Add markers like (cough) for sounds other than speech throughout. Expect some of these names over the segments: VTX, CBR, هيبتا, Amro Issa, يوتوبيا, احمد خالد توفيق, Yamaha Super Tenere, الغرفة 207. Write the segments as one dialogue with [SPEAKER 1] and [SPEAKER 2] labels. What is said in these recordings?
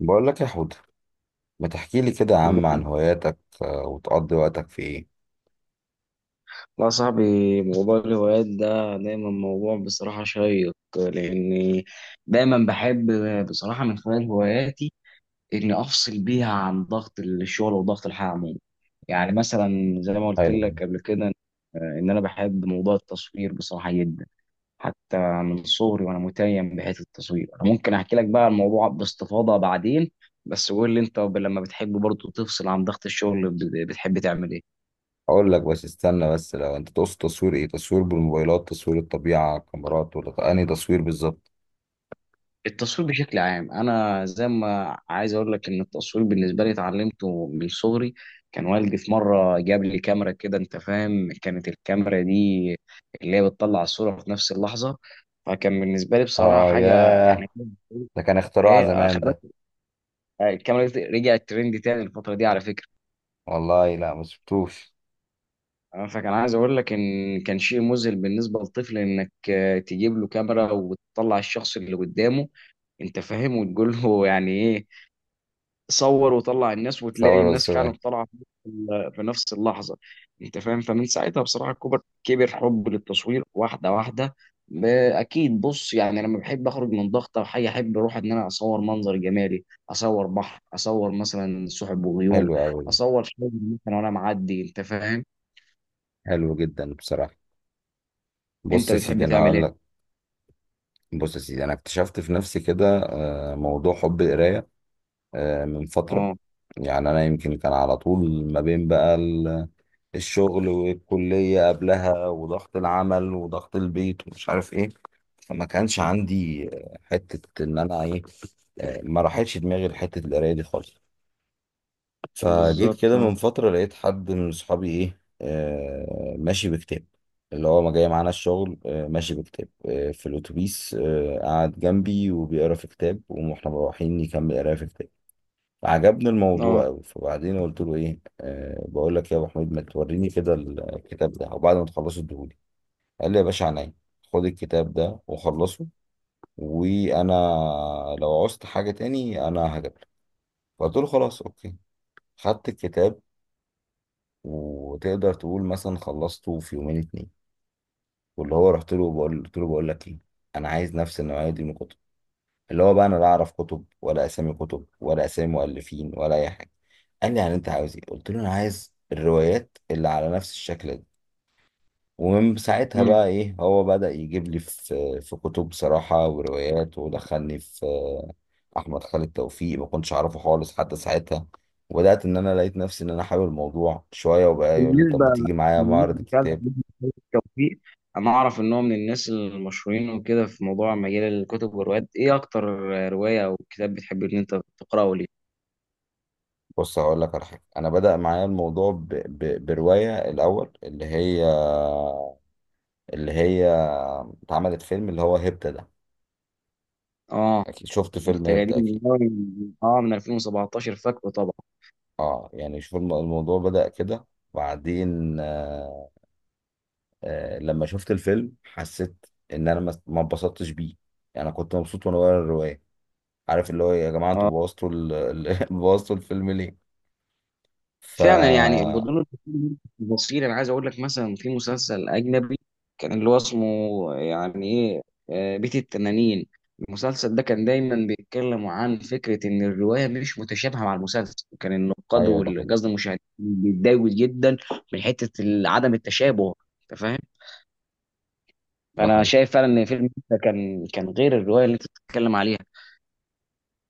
[SPEAKER 1] بقول لك يا حود، ما تحكي لي كده يا عم عن هواياتك، وتقضي وقتك في ايه.
[SPEAKER 2] لا صاحبي، موضوع الهوايات ده دايما موضوع بصراحة شيق، لأني دايما بحب بصراحة من خلال هواياتي إني أفصل بيها عن ضغط الشغل وضغط الحياة عموما. يعني مثلا زي ما قلت
[SPEAKER 1] حلو ده.
[SPEAKER 2] لك قبل كده، إن أنا بحب موضوع التصوير بصراحة جدا، حتى من صغري وأنا متيم بحيث التصوير. أنا ممكن أحكي لك بقى الموضوع باستفاضة بعدين، بس قول لي أنت لما بتحب برضه تفصل عن ضغط الشغل بتحب تعمل إيه؟
[SPEAKER 1] اقول لك بس، استنى بس، لو انت تقصد تصوير ايه؟ تصوير بالموبايلات؟ تصوير الطبيعة؟ كاميرات؟ ولا انهي تصوير بالظبط؟
[SPEAKER 2] التصوير بشكل عام، انا زي ما عايز اقول لك ان التصوير بالنسبه لي اتعلمته من صغري. كان والدي في مره جاب لي كاميرا كده، انت فاهم، كانت الكاميرا دي اللي هي بتطلع الصوره في نفس اللحظه. فكان بالنسبه لي بصراحه
[SPEAKER 1] اه
[SPEAKER 2] حاجه
[SPEAKER 1] ياه،
[SPEAKER 2] يعني.
[SPEAKER 1] ده كان اختراع
[SPEAKER 2] ايه،
[SPEAKER 1] زمان
[SPEAKER 2] خلي
[SPEAKER 1] ده.
[SPEAKER 2] بالك الكاميرا دي رجعت ترند تاني الفتره دي على فكره.
[SPEAKER 1] والله لا، ما شفتوش.
[SPEAKER 2] أنا فكان عايز اقول لك ان كان شيء مذهل بالنسبه للطفل انك تجيب له كاميرا وتطلع الشخص اللي قدامه، انت فاهم، وتقول له يعني ايه، صور وطلع الناس، وتلاقي
[SPEAKER 1] صور
[SPEAKER 2] الناس
[SPEAKER 1] صور.
[SPEAKER 2] فعلا طالعه في نفس اللحظه، انت فاهم. فمن ساعتها بصراحه كبر حب للتصوير واحده واحده. ب- اكيد، بص، يعني لما بحب اخرج من ضغط او حاجه احب اروح ان انا اصور منظر جمالي، اصور بحر، اصور مثلا سحب وغيوم،
[SPEAKER 1] حلو قوي.
[SPEAKER 2] اصور شجر مثلا وانا معدي، انت فاهم.
[SPEAKER 1] حلو جدا بصراحة. بص
[SPEAKER 2] انت
[SPEAKER 1] يا سيدي،
[SPEAKER 2] بتحب
[SPEAKER 1] انا
[SPEAKER 2] تعمل
[SPEAKER 1] هقول لك.
[SPEAKER 2] ايه؟
[SPEAKER 1] بص يا سيدي، انا اكتشفت في نفسي كده موضوع حب القراية من فترة.
[SPEAKER 2] اه،
[SPEAKER 1] يعني انا يمكن كان على طول ما بين بقى الشغل والكلية قبلها وضغط العمل وضغط البيت ومش عارف ايه، فما كانش عندي حتة ان انا ايه، ما راحتش دماغي لحتة القراية دي خالص. فجيت
[SPEAKER 2] بالظبط.
[SPEAKER 1] كده
[SPEAKER 2] اه،
[SPEAKER 1] من فترة لقيت حد من صحابي ايه، ماشي بكتاب، اللي هو ما جاي معانا الشغل ماشي بكتاب في الأتوبيس، قعد جنبي وبيقرا في كتاب واحنا مروحين، يكمل قرايه في كتاب. عجبني
[SPEAKER 2] اه،
[SPEAKER 1] الموضوع أوي، فبعدين قلت له إيه، أه بقول لك يا أبو حميد، ما توريني كده الكتاب ده وبعد ما تخلصه اديهولي. قال لي يا باشا عينيا، خد الكتاب ده وخلصه، وأنا لو عوزت حاجة تاني أنا هجيب لك. فقلت له خلاص أوكي، خدت الكتاب، وتقدر تقول مثلا خلصته في يومين اتنين. واللي هو رحت له بقول، قلت له بقول لك إيه، أنا عايز نفس النوعية دي من الكتب، اللي هو بقى انا لا اعرف كتب ولا اسامي كتب ولا اسامي مؤلفين ولا اي حاجه. قال لي يعني انت عاوز ايه؟ قلت له انا عايز الروايات اللي على نفس الشكل ده. ومن ساعتها
[SPEAKER 2] مم.
[SPEAKER 1] بقى ايه، هو بدأ يجيب لي في كتب صراحه وروايات، ودخلني في احمد خالد توفيق. ما كنتش اعرفه خالص حتى ساعتها. وبدأت ان انا لقيت نفسي ان انا حابب الموضوع شويه. وبقى يقول لي طب ما
[SPEAKER 2] بالنسبه
[SPEAKER 1] تيجي معايا
[SPEAKER 2] بالنسبة
[SPEAKER 1] معرض
[SPEAKER 2] فعلا
[SPEAKER 1] الكتاب.
[SPEAKER 2] لأحمد توفيق، أنا أعرف إن هو من الناس المشهورين وكده في موضوع مجال الكتب والروايات، إيه أكتر رواية أو كتاب بتحب إن أنت تقرأه ليه؟
[SPEAKER 1] بص هقول لك على حاجه، انا بدأ معايا الموضوع بروايه الاول اللي هي اتعملت فيلم، اللي هو هيبتا ده.
[SPEAKER 2] آه،
[SPEAKER 1] اكيد شفت فيلم
[SPEAKER 2] أنت جديد
[SPEAKER 1] هيبتا
[SPEAKER 2] من
[SPEAKER 1] اكيد.
[SPEAKER 2] أول، آه، من 2017 فاكره طبعا.
[SPEAKER 1] اه يعني شوف، الموضوع بدأ كده. وبعدين لما شفت الفيلم حسيت ان انا ما اتبسطتش بيه. يعني انا كنت مبسوط وانا بقرا الرواية. عارف اللي هو إيه، يا جماعة انتوا بوظتوا (laughs) بوظتوا الفيلم ليه. ف
[SPEAKER 2] فعلا يعني بدون، بصير انا عايز اقول لك مثلا في مسلسل اجنبي كان اللي هو اسمه يعني ايه، بيت التنانين. المسلسل ده كان دايما بيتكلموا عن فكره ان الروايه مش متشابهه مع المسلسل، وكان النقاد
[SPEAKER 1] ايوه ده حقيقي.
[SPEAKER 2] والقصد المشاهدين بيتضايقوا جدا من حته عدم التشابه، انت فاهم.
[SPEAKER 1] ده
[SPEAKER 2] فانا
[SPEAKER 1] حقيقي.
[SPEAKER 2] شايف فعلا ان فيلم ده كان غير الروايه اللي انت بتتكلم عليها.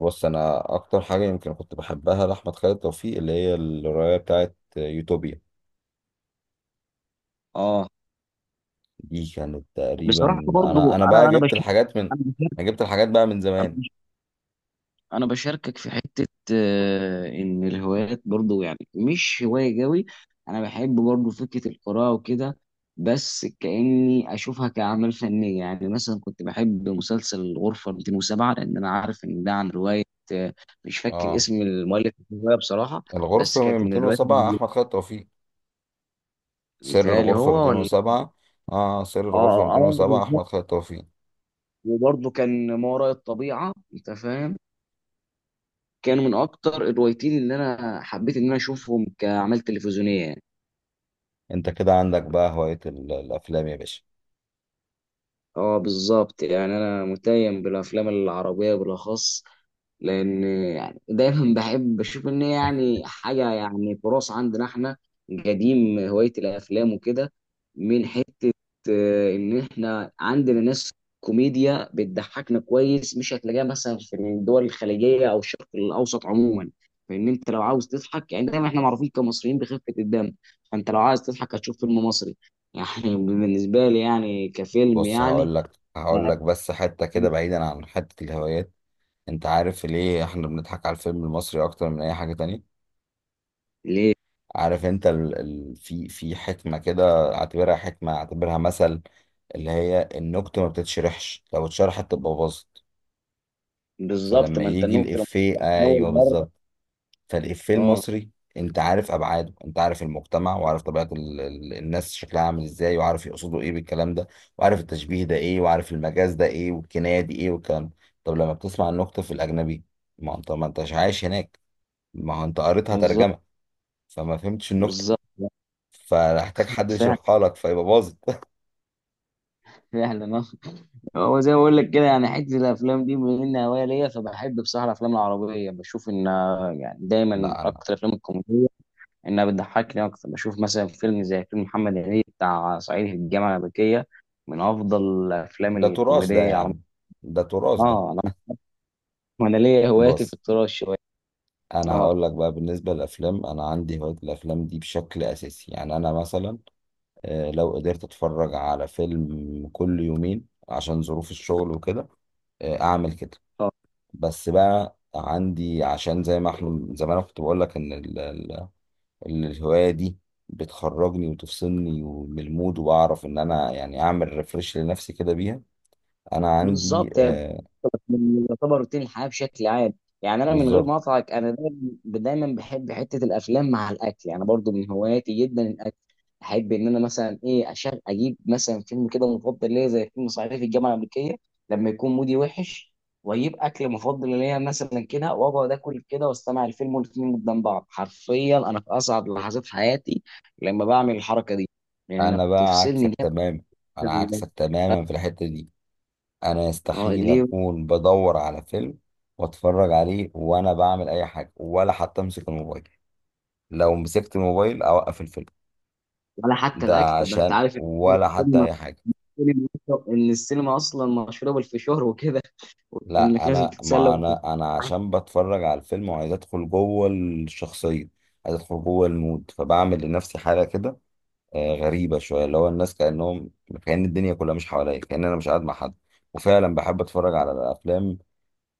[SPEAKER 1] بص انا اكتر حاجة يمكن كنت بحبها لأحمد خالد توفيق، اللي هي الرواية بتاعت يوتوبيا.
[SPEAKER 2] اه،
[SPEAKER 1] دي كانت تقريبا،
[SPEAKER 2] بصراحه
[SPEAKER 1] انا
[SPEAKER 2] برضو،
[SPEAKER 1] انا بقى
[SPEAKER 2] انا
[SPEAKER 1] جبت
[SPEAKER 2] بشوف،
[SPEAKER 1] الحاجات من،
[SPEAKER 2] انا بشوف،
[SPEAKER 1] انا جبت الحاجات بقى من زمان.
[SPEAKER 2] انا بشاركك في حته ان الهوايات برضو يعني مش هوايه قوي. انا بحب برضو فكره القراءه وكده، بس كاني اشوفها كاعمال فنيه. يعني مثلا كنت بحب مسلسل الغرفه 207، لان انا عارف ان ده عن روايه. آه، مش فاكر
[SPEAKER 1] اه
[SPEAKER 2] اسم المؤلف الروايه بصراحه، بس
[SPEAKER 1] الغرفة
[SPEAKER 2] كانت من الروايات
[SPEAKER 1] 207
[SPEAKER 2] دي.
[SPEAKER 1] احمد خالد توفيق. سر
[SPEAKER 2] متهيألي
[SPEAKER 1] الغرفة
[SPEAKER 2] هو ولا.
[SPEAKER 1] 207. اه سر
[SPEAKER 2] اه،
[SPEAKER 1] الغرفة
[SPEAKER 2] اه،
[SPEAKER 1] 207
[SPEAKER 2] بالظبط.
[SPEAKER 1] احمد خالد توفيق.
[SPEAKER 2] وبرضه كان ما وراء الطبيعه، انت فاهم، كانوا من اكتر الروايتين اللي انا حبيت ان انا اشوفهم كاعمال تلفزيونيه.
[SPEAKER 1] انت كده عندك بقى هواية الافلام يا باشا.
[SPEAKER 2] اه، بالظبط، يعني انا متيم بالافلام العربيه بالاخص، لان يعني دايما (laughs) بحب بشوف ان هي يعني حاجه يعني تراث عندنا احنا قديم هوايه الافلام وكده، من حته ان احنا عندنا ناس كوميديا بتضحكنا كويس مش هتلاقيها مثلا في الدول الخليجيه او الشرق الاوسط عموما. فان انت لو عاوز تضحك، يعني دايما احنا معروفين كمصريين بخفه الدم، فانت لو عايز تضحك هتشوف فيلم مصري (laughs) يعني بالنسبه لي يعني كفيلم
[SPEAKER 1] بص
[SPEAKER 2] يعني.
[SPEAKER 1] هقول لك هقول
[SPEAKER 2] ما-
[SPEAKER 1] لك بس حتة كده بعيدا عن حتة الهوايات. انت عارف ليه احنا بنضحك على الفيلم المصري اكتر من اي حاجة تانية؟
[SPEAKER 2] ليه؟
[SPEAKER 1] عارف انت في في حكمة كده، اعتبرها حكمة اعتبرها مثل، اللي هي النكتة ما بتتشرحش، لو اتشرحت تبقى باظت.
[SPEAKER 2] بالظبط،
[SPEAKER 1] فلما
[SPEAKER 2] ما انت
[SPEAKER 1] يجي
[SPEAKER 2] النكته لما
[SPEAKER 1] الإفيه،
[SPEAKER 2] كنت اول
[SPEAKER 1] ايوه
[SPEAKER 2] مره.
[SPEAKER 1] بالظبط، فالإفيه
[SPEAKER 2] اه،
[SPEAKER 1] المصري انت عارف ابعاده، انت عارف المجتمع، وعارف طبيعة الناس شكلها عامل ازاي، وعارف يقصدوا ايه بالكلام ده، وعارف التشبيه ده ايه، وعارف المجاز ده ايه، والكناية دي ايه، والكلام ده. طب لما بتسمع النكتة في الأجنبي، ما انت ما انتش عايش هناك، ما هو انت قريتها
[SPEAKER 2] بالظبط.
[SPEAKER 1] ترجمة، فما فهمتش النكتة،
[SPEAKER 2] بالظبط.
[SPEAKER 1] فهحتاج حد
[SPEAKER 2] فعلا.
[SPEAKER 1] يشرحها لك، فيبقى باظت.
[SPEAKER 2] فعلا. اه، هو زي ما بقول لك كده، يعني حته الافلام دي بما انها هوايه ليا، فبحب بصراحه الافلام العربيه، بشوف ان يعني دايما
[SPEAKER 1] لا انا.
[SPEAKER 2] اكتر الافلام الكوميديه انها بتضحكني اكتر. بشوف مثلا فيلم زي فيلم محمد هنيدي بتاع صعيدي في الجامعه الامريكيه، من افضل الافلام
[SPEAKER 1] ده تراث ده
[SPEAKER 2] الكوميديه
[SPEAKER 1] يا
[SPEAKER 2] العربيه.
[SPEAKER 1] عم، ده تراث ده.
[SPEAKER 2] اه، انا انا ليا هواياتي في
[SPEAKER 1] بص
[SPEAKER 2] التراش شويه.
[SPEAKER 1] انا
[SPEAKER 2] اه،
[SPEAKER 1] هقول لك بقى بالنسبه للافلام، انا عندي هوايه الافلام دي بشكل اساسي. يعني انا مثلا لو قدرت اتفرج على فيلم كل يومين عشان ظروف الشغل وكده، اعمل كده.
[SPEAKER 2] اه،
[SPEAKER 1] بس بقى عندي عشان زي ما احنا، زي ما انا كنت بقول لك ان الهوايه دي بتخرجني وتفصلني من المود، وبعرف ان انا يعني اعمل ريفرش لنفسي كده بيها. انا عندي
[SPEAKER 2] بالظبط.
[SPEAKER 1] آه.
[SPEAKER 2] من يعتبر روتين الحياه بشكل عام. يعني انا من غير
[SPEAKER 1] بالظبط.
[SPEAKER 2] ما اقطعك، انا دايما بحب حته الافلام مع الاكل، يعني برضو من هواياتي جدا الاكل. احب ان انا مثلا ايه أشغل اجيب مثلا فيلم كده مفضل ليا زي فيلم صعيدي في الجامعه الامريكيه لما يكون مودي وحش، واجيب اكل مفضل ليا مثلا كده، واقعد اكل كده واستمع الفيلم والاتنين قدام بعض. حرفيا انا في اصعب لحظات حياتي لما بعمل الحركه دي، لانها
[SPEAKER 1] انا بقى
[SPEAKER 2] بتفصلني
[SPEAKER 1] عكسك
[SPEAKER 2] جامد
[SPEAKER 1] تماما،
[SPEAKER 2] عن
[SPEAKER 1] انا عكسك تماما في الحتة دي. انا يستحيل
[SPEAKER 2] ليه؟
[SPEAKER 1] اكون بدور على فيلم واتفرج عليه وانا بعمل اي حاجة، ولا حتى امسك الموبايل. لو مسكت الموبايل اوقف الفيلم.
[SPEAKER 2] ولا حتى
[SPEAKER 1] ده
[SPEAKER 2] الاكل؟ طب ده انت
[SPEAKER 1] عشان
[SPEAKER 2] عارف
[SPEAKER 1] ولا حتى اي حاجة.
[SPEAKER 2] السينما ان السينما اصلا مشهوره بالفشار وكده، وانك
[SPEAKER 1] لا
[SPEAKER 2] لازم
[SPEAKER 1] انا
[SPEAKER 2] تتسلى
[SPEAKER 1] ما
[SPEAKER 2] وانت.
[SPEAKER 1] انا انا عشان بتفرج على الفيلم وعايز ادخل جوه الشخصية، عايز ادخل جوه المود، فبعمل لنفسي حالة كده غريبة شوية، اللي هو الناس كأنهم، كأن الدنيا كلها مش حواليا، كأن أنا مش قاعد مع حد. وفعلا بحب أتفرج على الأفلام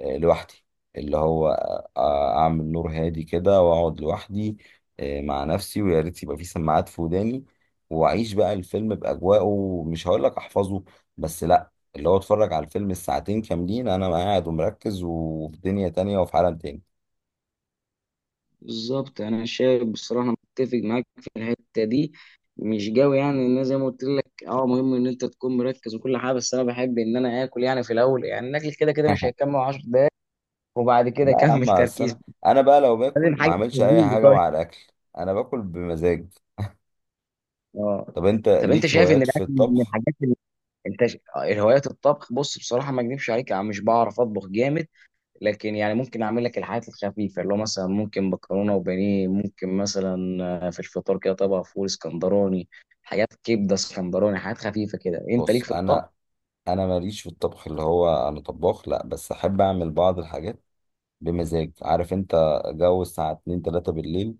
[SPEAKER 1] لوحدي. اللي هو أعمل نور هادي كده وأقعد لوحدي مع نفسي، ويا ريت يبقى في سماعات في وداني، وأعيش بقى الفيلم بأجواءه. مش هقول لك أحفظه، بس لأ اللي هو أتفرج على الفيلم الساعتين كاملين أنا قاعد ومركز وفي دنيا تانية وفي عالم تاني.
[SPEAKER 2] بالظبط، انا شايف بصراحه أنا متفق معاك في الحته دي، مش قوي يعني. ان أنا زي ما قلت لك، اه، مهم ان انت تكون مركز وكل حاجه، بس انا بحب ان انا اكل يعني في الاول. يعني الاكل كده كده مش
[SPEAKER 1] (laughs)
[SPEAKER 2] هيكمل 10 دقائق، وبعد كده
[SPEAKER 1] لا يا
[SPEAKER 2] اكمل
[SPEAKER 1] عم أصل أنا،
[SPEAKER 2] تركيز.
[SPEAKER 1] بقى لو باكل
[SPEAKER 2] لازم
[SPEAKER 1] ما
[SPEAKER 2] حاجه
[SPEAKER 1] أعملش أي
[SPEAKER 2] تهديني،
[SPEAKER 1] حاجة
[SPEAKER 2] طيب.
[SPEAKER 1] مع الأكل. أنا باكل بمزاج.
[SPEAKER 2] اه.
[SPEAKER 1] طب انت
[SPEAKER 2] طب انت
[SPEAKER 1] ليك
[SPEAKER 2] شايف ان
[SPEAKER 1] هوايات في
[SPEAKER 2] الاكل من
[SPEAKER 1] الطبخ؟
[SPEAKER 2] الحاجات اللي الهوايات الطبخ؟ بص بصراحه، ما اكذبش عليك، انا مش بعرف اطبخ جامد، لكن يعني ممكن اعمل لك الحاجات الخفيفه، اللي هو مثلا ممكن مكرونه وبانيه، ممكن مثلا في الفطار كده طبق فول اسكندراني، حاجات كبده اسكندراني، حاجات خفيفه كده. انت ليك
[SPEAKER 1] بص
[SPEAKER 2] في الطبخ؟
[SPEAKER 1] انا ماليش في الطبخ، اللي هو انا طباخ، لا، بس احب اعمل بعض الحاجات بمزاج. عارف انت جو الساعه 2 3 بالليل،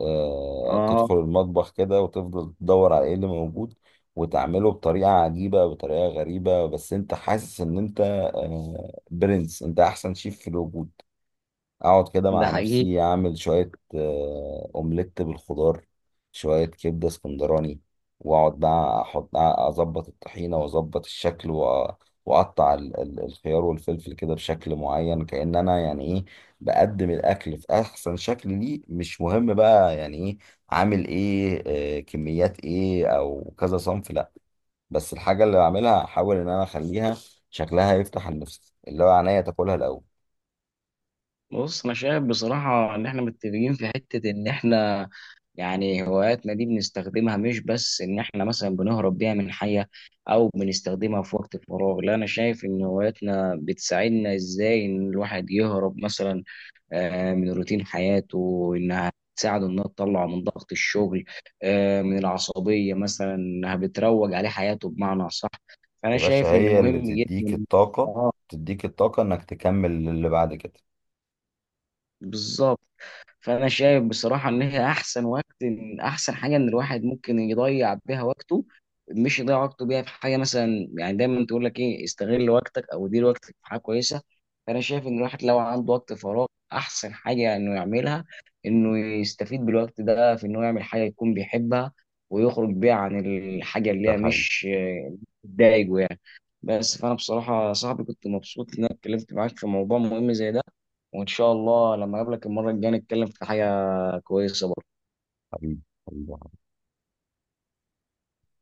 [SPEAKER 1] آه
[SPEAKER 2] اه،
[SPEAKER 1] تدخل المطبخ كده وتفضل تدور على ايه اللي موجود، وتعمله بطريقه عجيبه بطريقه غريبه، بس انت حاسس ان انت آه برنس، انت احسن شيف في الوجود. اقعد كده
[SPEAKER 2] ده
[SPEAKER 1] مع
[SPEAKER 2] حقيقي.
[SPEAKER 1] نفسي اعمل شوية اومليت بالخضار، شوية كبدة اسكندراني، واقعد بقى احط، اظبط الطحينة واظبط الشكل، واقطع الخيار والفلفل كده بشكل معين، كأن انا يعني ايه، بقدم الاكل في احسن شكل ليه. مش مهم بقى يعني ايه عامل ايه، كميات ايه او كذا صنف، لا، بس الحاجة اللي بعملها احاول ان انا اخليها شكلها يفتح النفس، اللي هو عينيا تاكلها الاول.
[SPEAKER 2] بص، انا شايف بصراحه ان احنا متفقين في حته ان احنا يعني هواياتنا دي بنستخدمها مش بس ان احنا مثلا بنهرب بيها من حياة، او بنستخدمها في وقت الفراغ. لا، انا شايف ان هواياتنا بتساعدنا ازاي ان الواحد يهرب مثلا من روتين حياته، انها تساعده انها تطلعه من ضغط الشغل من العصبية مثلا، انها بتروج عليه حياته بمعنى صح. فانا
[SPEAKER 1] يا باشا
[SPEAKER 2] شايف ان
[SPEAKER 1] هي اللي
[SPEAKER 2] مهم
[SPEAKER 1] بتديك
[SPEAKER 2] جدا.
[SPEAKER 1] الطاقة،
[SPEAKER 2] اه،
[SPEAKER 1] بتديك الطاقة انك تكمل اللي بعد كده.
[SPEAKER 2] بالظبط. فانا شايف بصراحه ان هي احسن وقت، احسن حاجه ان الواحد ممكن يضيع بيها وقته، مش يضيع وقته بيها في حاجه. مثلا يعني دايما تقول لك ايه، استغل وقتك او دير وقتك في حاجه كويسه. فانا شايف ان الواحد لو عنده وقت فراغ، احسن حاجه انه يعملها انه يستفيد بالوقت ده في انه يعمل حاجه يكون بيحبها، ويخرج بيها عن الحاجه اللي
[SPEAKER 1] ده
[SPEAKER 2] هي
[SPEAKER 1] حقيقي.
[SPEAKER 2] مش بتضايقه يعني. بس فانا بصراحه يا صاحبي كنت مبسوط ان انا اتكلمت معاك في موضوع مهم زي ده، وان شاء الله لما اقابلك المره الجايه نتكلم في حاجه كويسه برضه.
[SPEAKER 1] حبيبي، حبيبي.